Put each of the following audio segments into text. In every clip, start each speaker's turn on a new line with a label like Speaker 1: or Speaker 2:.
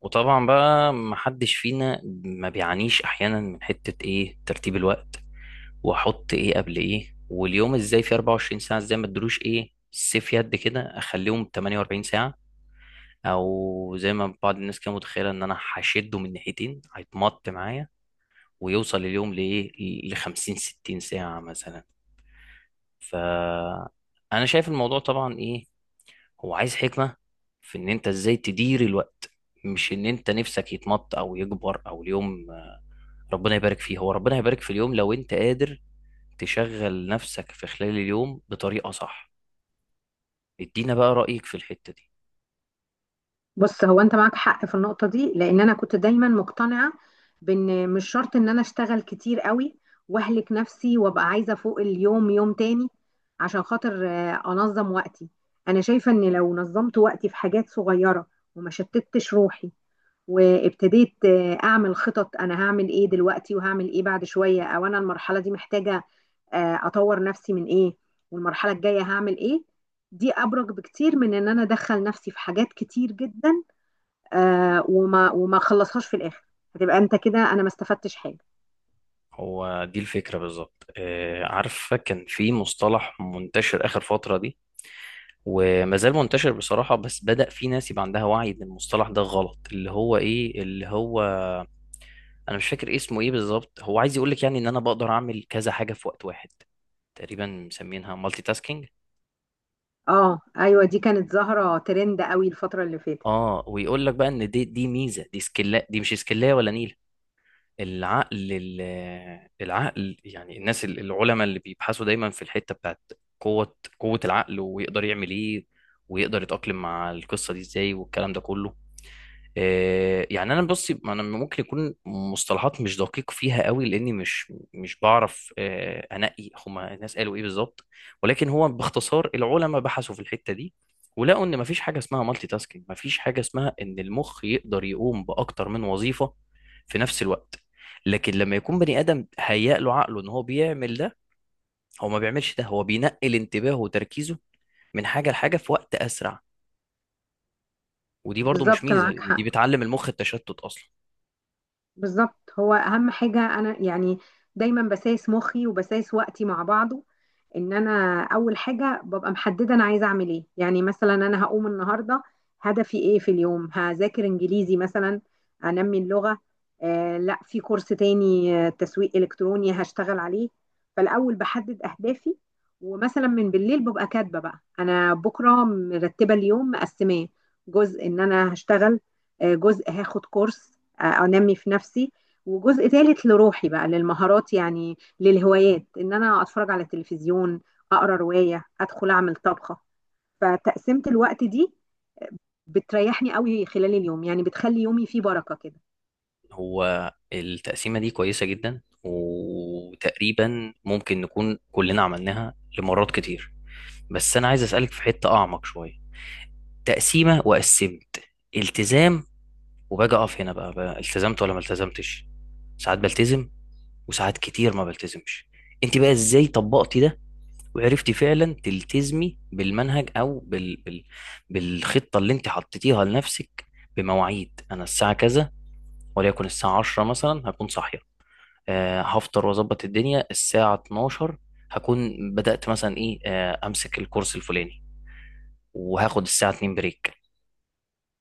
Speaker 1: وطبعا بقى محدش فينا ما بيعانيش احيانا من حتة ايه ترتيب الوقت، واحط ايه قبل ايه، واليوم ازاي في 24 ساعة ازاي ما ادلوش ايه سيف يد كده اخليهم 48 ساعة، او زي ما بعض الناس كانت متخيلة ان انا هشده من ناحيتين هيتمط معايا ويوصل اليوم لايه، ل 50 60 ساعة مثلا. ف انا شايف الموضوع طبعا ايه، هو عايز حكمة في ان انت ازاي تدير الوقت، مش ان انت نفسك يتمط او يكبر او اليوم. ربنا يبارك فيه، هو ربنا يبارك في اليوم لو انت قادر تشغل نفسك في خلال اليوم بطريقة صح. ادينا بقى رأيك في الحتة دي.
Speaker 2: بص، هو انت معاك حق في النقطة دي لان انا كنت دايما مقتنعة بان مش شرط ان انا اشتغل كتير قوي واهلك نفسي وابقى عايزة فوق اليوم يوم تاني عشان خاطر انظم وقتي. انا شايفة ان لو نظمت وقتي في حاجات صغيرة وما شتتش روحي وابتديت اعمل خطط، انا هعمل ايه دلوقتي وهعمل ايه بعد شوية، او انا المرحلة دي محتاجة اطور نفسي من ايه والمرحلة الجاية هعمل ايه. دي ابرك بكتير من ان انا ادخل نفسي في حاجات كتير جدا وما خلصهاش في الاخر. هتبقى انت كده انا ما استفدتش حاجه.
Speaker 1: هو دي الفكرة بالظبط. آه، عارفة كان في مصطلح منتشر آخر فترة دي، وما زال منتشر بصراحة، بس بدأ في ناس يبقى عندها وعي إن المصطلح ده غلط، اللي هو إيه، اللي هو أنا مش فاكر اسمه إيه بالظبط. هو عايز يقولك يعني إن أنا بقدر أعمل كذا حاجة في وقت واحد، تقريبا مسمينها مالتي تاسكينج.
Speaker 2: اه ايوه، دي كانت ظاهره ترند قوي الفتره اللي فاتت.
Speaker 1: اه، ويقول لك بقى ان دي ميزه، دي سكيلا، دي مش سكيلايه ولا نيله. العقل ال- العقل يعني، العلماء اللي بيبحثوا دايما في الحتة بتاعت قوة العقل، ويقدر يعمل ايه، ويقدر يتأقلم مع القصة دي ازاي والكلام ده كله. آه، يعني انا بصي، انا ممكن يكون مصطلحات مش دقيق فيها قوي لاني مش بعرف، آه، انقي هما الناس قالوا ايه بالظبط، ولكن هو باختصار العلماء بحثوا في الحته دي، ولقوا ان مفيش حاجه اسمها مالتي تاسكينج، مفيش حاجه اسمها ان المخ يقدر يقوم باكتر من وظيفه في نفس الوقت. لكن لما يكون بني ادم هيأ له عقله ان هو بيعمل ده، هو ما بيعملش ده، هو بينقل انتباهه وتركيزه من حاجه لحاجه في وقت اسرع. ودي برضو مش
Speaker 2: بالظبط،
Speaker 1: ميزه،
Speaker 2: معاك
Speaker 1: لان دي
Speaker 2: حق.
Speaker 1: بتعلم المخ التشتت اصلا.
Speaker 2: بالظبط، هو اهم حاجه انا يعني دايما بسايس مخي وبسايس وقتي مع بعضه، ان انا اول حاجه ببقى محدده انا عايزه اعمل ايه. يعني مثلا انا هقوم النهارده هدفي ايه في اليوم، هذاكر انجليزي مثلا، انمي اللغه، لا، في كورس تاني تسويق الكتروني هشتغل عليه. فالاول بحدد اهدافي، ومثلا من بالليل ببقى كاتبه بقى انا بكره مرتبه اليوم مقسماه، جزء ان انا هشتغل، جزء هاخد كورس، انمي في نفسي، وجزء ثالث لروحي بقى للمهارات يعني للهوايات، ان انا اتفرج على تلفزيون، اقرا روايه، ادخل اعمل طبخه. فتقسيمه الوقت دي بتريحني قوي خلال اليوم، يعني بتخلي يومي فيه بركه كده.
Speaker 1: هو التقسيمة دي كويسة جدا، وتقريبا ممكن نكون كلنا عملناها لمرات كتير، بس أنا عايز أسألك في حتة أعمق شوية. تقسيمة وقسمت التزام، وباجي أقف هنا بقى، بقى التزمت ولا ما التزمتش. ساعات بلتزم، وساعات كتير ما بلتزمش. أنت بقى إزاي طبقتي ده، وعرفتي فعلا تلتزمي بالمنهج أو بالخطة اللي أنت حطيتيها لنفسك، بمواعيد؟ أنا الساعة كذا وليكن الساعة 10 مثلا هكون صاحية، آه، هفطر واظبط الدنيا الساعة 12 هكون بدأت مثلا ايه، آه، امسك الكورس الفلاني، وهاخد الساعة 2 بريك،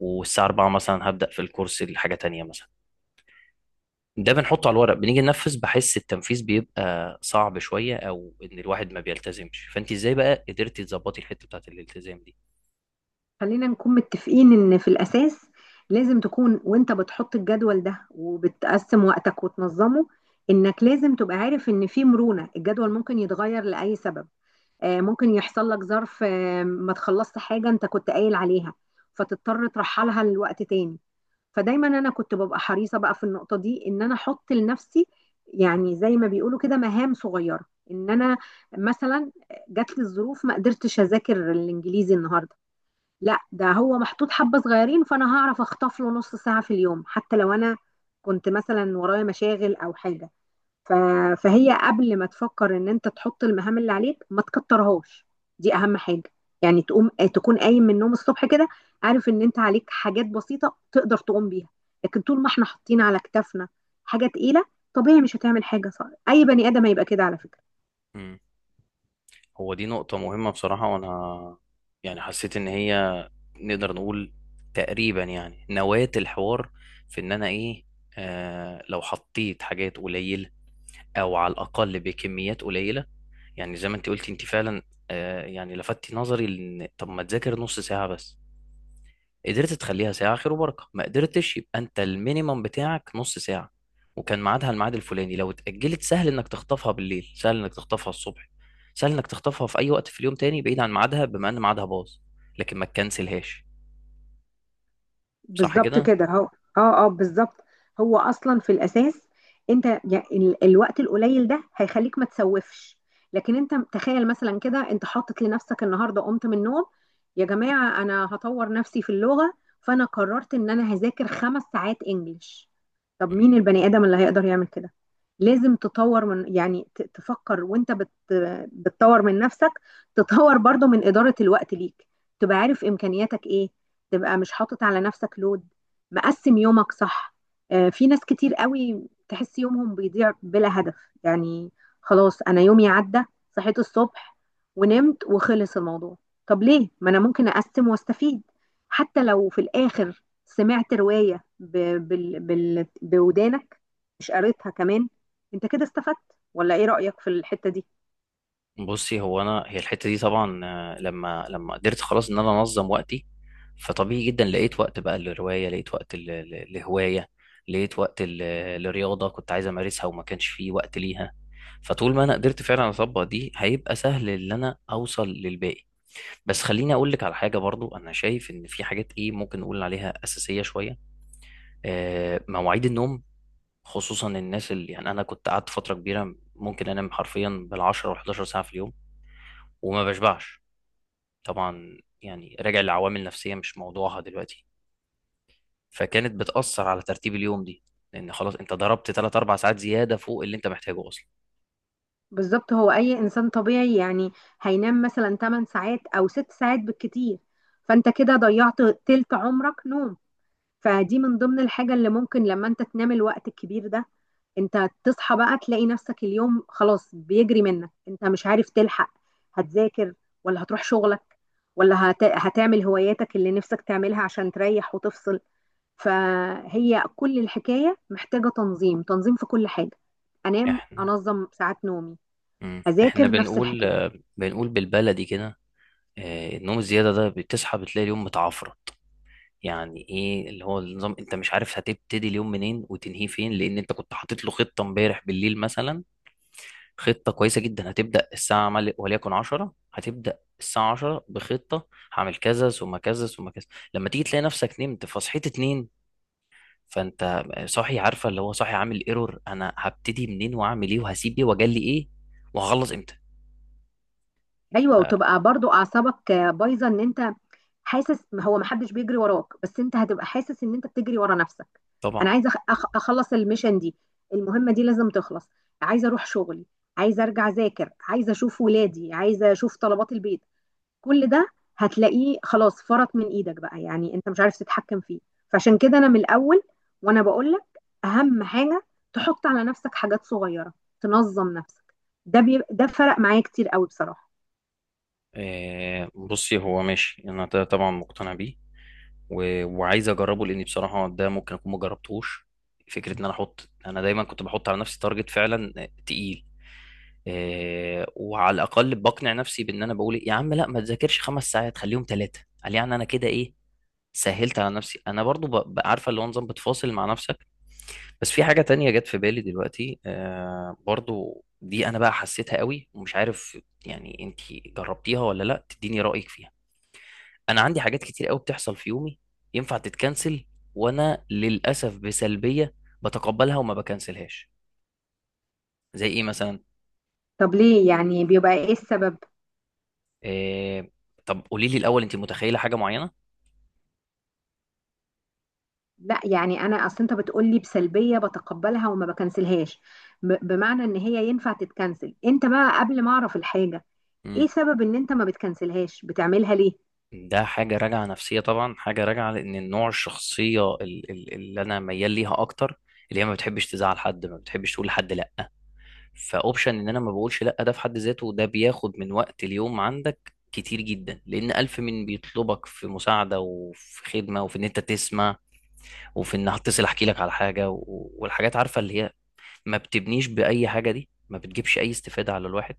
Speaker 1: والساعة 4 مثلا هبدأ في الكورس الحاجة تانية مثلا. ده بنحطه على الورق، بنيجي ننفذ بحس التنفيذ بيبقى صعب شوية، او ان الواحد ما بيلتزمش. فانت ازاي بقى قدرتي تظبطي الحتة بتاعت الالتزام دي؟
Speaker 2: خلينا نكون متفقين ان في الاساس لازم تكون وانت بتحط الجدول ده وبتقسم وقتك وتنظمه انك لازم تبقى عارف ان في مرونه، الجدول ممكن يتغير لاي سبب. ممكن يحصل لك ظرف، ما تخلصت حاجة انت كنت قايل عليها، فتضطر ترحلها لوقت تاني. فدايما انا كنت ببقى حريصة بقى في النقطة دي ان انا احط لنفسي، يعني زي ما بيقولوا كده، مهام صغيرة. ان انا مثلا جات لي الظروف ما قدرتش اذاكر الانجليزي النهارده، لا ده هو محطوط حبة صغيرين فانا هعرف اخطف له نص ساعة في اليوم، حتى لو انا كنت مثلا ورايا مشاغل او حاجة. ف... فهي قبل ما تفكر ان انت تحط المهام اللي عليك ما تكترهاش. دي اهم حاجه. يعني تقوم تكون قايم من النوم الصبح كده عارف ان انت عليك حاجات بسيطه تقدر تقوم بيها، لكن طول ما احنا حاطين على كتافنا حاجه تقيله طبيعي مش هتعمل حاجه صح. اي بني ادم هيبقى كده على فكره.
Speaker 1: مم. هو دي نقطة مهمة بصراحة، وانا يعني حسيت ان هي نقدر نقول تقريبا يعني نواة الحوار، في ان انا ايه، آه، لو حطيت حاجات قليلة او على الاقل بكميات قليلة. يعني زي ما انت قلتي، انت فعلا آه يعني لفتي نظري، لان طب ما تذاكر نص ساعة بس. قدرت تخليها ساعة خير وبركة، ما قدرتش يبقى انت المينيمم بتاعك نص ساعة وكان ميعادها الميعاد الفلاني. لو اتأجلت، سهل انك تخطفها بالليل، سهل انك تخطفها الصبح، سهل انك تخطفها في اي وقت في اليوم تاني بعيد عن ميعادها، بما ان ميعادها باظ، لكن ما تكنسلهاش. صح
Speaker 2: بالظبط
Speaker 1: كده؟
Speaker 2: كده هو. اه اه، بالظبط. هو اصلا في الاساس انت يعني الوقت القليل ده هيخليك ما تسوفش. لكن انت تخيل مثلا كده، انت حاطط لنفسك النهارده قمت من النوم يا جماعه انا هطور نفسي في اللغه، فانا قررت ان انا هذاكر 5 ساعات انجليش، طب مين البني ادم اللي هيقدر يعمل كده؟ لازم تطور من، يعني تفكر، وانت بتطور من نفسك، تطور برضو من اداره الوقت ليك، تبقى عارف امكانياتك ايه، تبقى مش حاطط على نفسك لود، مقسم يومك صح. في ناس كتير قوي تحس يومهم بيضيع بلا هدف، يعني خلاص انا يومي عدى، صحيت الصبح ونمت وخلص الموضوع. طب ليه؟ ما انا ممكن اقسم واستفيد، حتى لو في الاخر سمعت رواية بودانك مش قريتها كمان، انت كده استفدت. ولا ايه رأيك في الحتة دي؟
Speaker 1: بصي هو انا هي الحته دي طبعا، آه، لما لما قدرت خلاص ان انا انظم وقتي، فطبيعي جدا لقيت وقت بقى للروايه، لقيت وقت لهوايه، لقيت وقت لرياضه كنت عايز امارسها وما كانش فيه وقت ليها. فطول ما انا قدرت فعلا اطبق دي، هيبقى سهل ان انا اوصل للباقي. بس خليني اقول لك على حاجه برضو. انا شايف ان في حاجات ايه ممكن نقول عليها اساسيه شويه، آه، مواعيد النوم، خصوصا الناس اللي يعني انا كنت قعدت فتره كبيره ممكن انام حرفيا بال10 و11 ساعه في اليوم وما بشبعش. طبعا يعني راجع لعوامل نفسية مش موضوعها دلوقتي، فكانت بتأثر على ترتيب اليوم دي، لأن خلاص أنت ضربت 3 4 ساعات زيادة فوق اللي أنت محتاجه أصلا.
Speaker 2: بالظبط، هو اي انسان طبيعي يعني هينام مثلا 8 ساعات او 6 ساعات بالكتير، فانت كده ضيعت تلت عمرك نوم. فدي من ضمن الحاجة اللي ممكن لما انت تنام الوقت الكبير ده، انت تصحى بقى تلاقي نفسك اليوم خلاص بيجري منك، انت مش عارف تلحق، هتذاكر ولا هتروح شغلك ولا هتعمل هواياتك اللي نفسك تعملها عشان تريح وتفصل. فهي كل الحكاية محتاجة تنظيم، تنظيم في كل حاجة. انام
Speaker 1: إحنا،
Speaker 2: انظم ساعات نومي،
Speaker 1: مم. إحنا
Speaker 2: اذاكر نفس
Speaker 1: بنقول
Speaker 2: الحكايه.
Speaker 1: آه، بنقول بالبلدي كده، آه، النوم الزيادة ده بتصحى بتلاقي اليوم متعفرط. يعني إيه اللي هو النظام، أنت مش عارف هتبتدي اليوم منين وتنهيه فين، لأن أنت كنت حاطط له خطة امبارح بالليل مثلا، خطة كويسة جدا. هتبدأ الساعة وليكن 10، هتبدأ الساعة 10 بخطة هعمل كذا ثم كذا ثم كذا. لما تيجي تلاقي نفسك نمت فصحيت اتنين، فانت صاحي، عارفة اللي هو صاحي عامل ايرور، انا هبتدي منين وهعمل ايه وهسيب ايه واجلي ايه وهخلص امتى.
Speaker 2: ايوه،
Speaker 1: ف-
Speaker 2: وتبقى برضو اعصابك بايظه ان انت حاسس، ما هو ما حدش بيجري وراك، بس انت هتبقى حاسس ان انت بتجري ورا نفسك.
Speaker 1: طبعا.
Speaker 2: انا عايزه اخلص الميشن دي، المهمه دي لازم تخلص، عايزه اروح شغلي، عايزه ارجع اذاكر، عايزه اشوف ولادي، عايزه اشوف طلبات البيت، كل ده هتلاقيه خلاص فرط من ايدك بقى يعني انت مش عارف تتحكم فيه. فعشان كده انا من الاول وانا بقول لك، اهم حاجه تحط على نفسك حاجات صغيره، تنظم نفسك. ده فرق معايا كتير قوي بصراحه.
Speaker 1: آه، بصي هو ماشي، انا ده طبعا مقتنع بيه، وعايز اجربه، لاني بصراحه ده ممكن اكون ما جربتهوش. فكره ان انا احط، انا دايما كنت بحط على نفسي تارجت فعلا، آه، تقيل، آه، وعلى الاقل بقنع نفسي بان انا بقول إيه، يا عم لا ما تذاكرش 5 ساعات خليهم 3، قال يعني انا كده ايه، سهلت على نفسي. انا برضو عارفه اللي هو نظام بتفاصل مع نفسك. بس في حاجه تانية جت في بالي دلوقتي آه برضو، دي انا بقى حسيتها قوي ومش عارف يعني انت جربتيها ولا لا، تديني رايك فيها. انا عندي حاجات كتير قوي بتحصل في يومي ينفع تتكنسل، وانا للاسف بسلبيه بتقبلها وما بكنسلهاش. زي ايه مثلا؟
Speaker 2: طب ليه، يعني بيبقى ايه السبب؟
Speaker 1: إيه... طب قولي لي الاول انت متخيله حاجه معينه.
Speaker 2: لا، يعني انا اصل انت بتقول لي بسلبيه بتقبلها وما بكنسلهاش، بمعنى ان هي ينفع تتكنسل، انت بقى قبل ما اعرف الحاجه،
Speaker 1: مم.
Speaker 2: ايه سبب ان انت ما بتكنسلهاش بتعملها ليه؟
Speaker 1: ده حاجه راجعه نفسيه طبعا، حاجه راجعه لان النوع الشخصيه اللي انا ميال ليها اكتر، اللي هي ما بتحبش تزعل حد، ما بتحبش تقول لحد لا. فاوبشن ان انا ما بقولش لا ده في حد ذاته، ده بياخد من وقت اليوم عندك كتير جدا، لان الف من بيطلبك في مساعده وفي خدمه وفي ان انت تسمع، وفي ان هتصل احكي لك على حاجه والحاجات، عارفه اللي هي ما بتبنيش باي حاجه، دي ما بتجيبش اي استفاده على الواحد.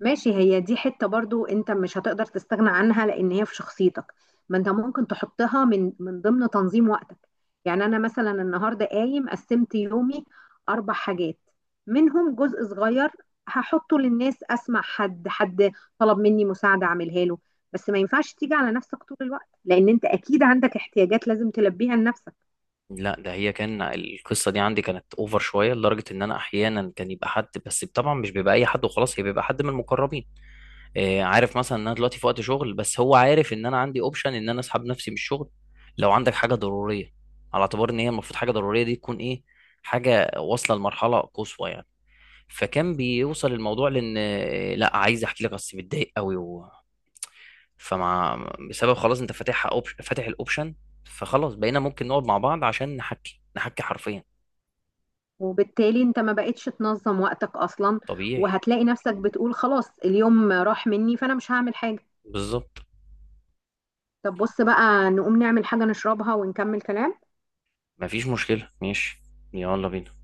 Speaker 2: ماشي، هي دي حتة برضو انت مش هتقدر تستغنى عنها لان هي في شخصيتك، ما انت ممكن تحطها من ضمن تنظيم وقتك. يعني انا مثلا النهاردة قايم قسمت يومي 4 حاجات، منهم جزء صغير هحطه للناس، اسمع حد طلب مني مساعدة اعملها له، بس ما ينفعش تيجي على نفسك طول الوقت لان انت اكيد عندك احتياجات لازم تلبيها لنفسك.
Speaker 1: لا، ده هي كان القصه دي عندي كانت اوفر شويه، لدرجه ان انا احيانا كان يبقى حد، بس طبعا مش بيبقى اي حد وخلاص، هي بيبقى حد من المقربين، آه، عارف مثلا ان انا دلوقتي في وقت شغل، بس هو عارف ان انا عندي اوبشن ان انا اسحب نفسي من الشغل لو عندك حاجه ضروريه. على اعتبار ان هي المفروض حاجه ضروريه دي تكون ايه، حاجه واصله لمرحله قصوى يعني. فكان بيوصل الموضوع لان، آه، لا عايز احكي لك بس متضايق قوي. فمع، بسبب خلاص انت فاتحها فاتح الاوبشن، فخلاص بقينا ممكن نقعد مع بعض عشان نحكي نحكي حرفيا.
Speaker 2: وبالتالي انت ما بقتش تنظم وقتك اصلا،
Speaker 1: طبيعي.
Speaker 2: وهتلاقي نفسك بتقول خلاص اليوم راح مني فانا مش هعمل حاجة.
Speaker 1: بالظبط.
Speaker 2: طب بص بقى، نقوم نعمل حاجة نشربها ونكمل كلام.
Speaker 1: مفيش مشكلة، ماشي. يلا بينا.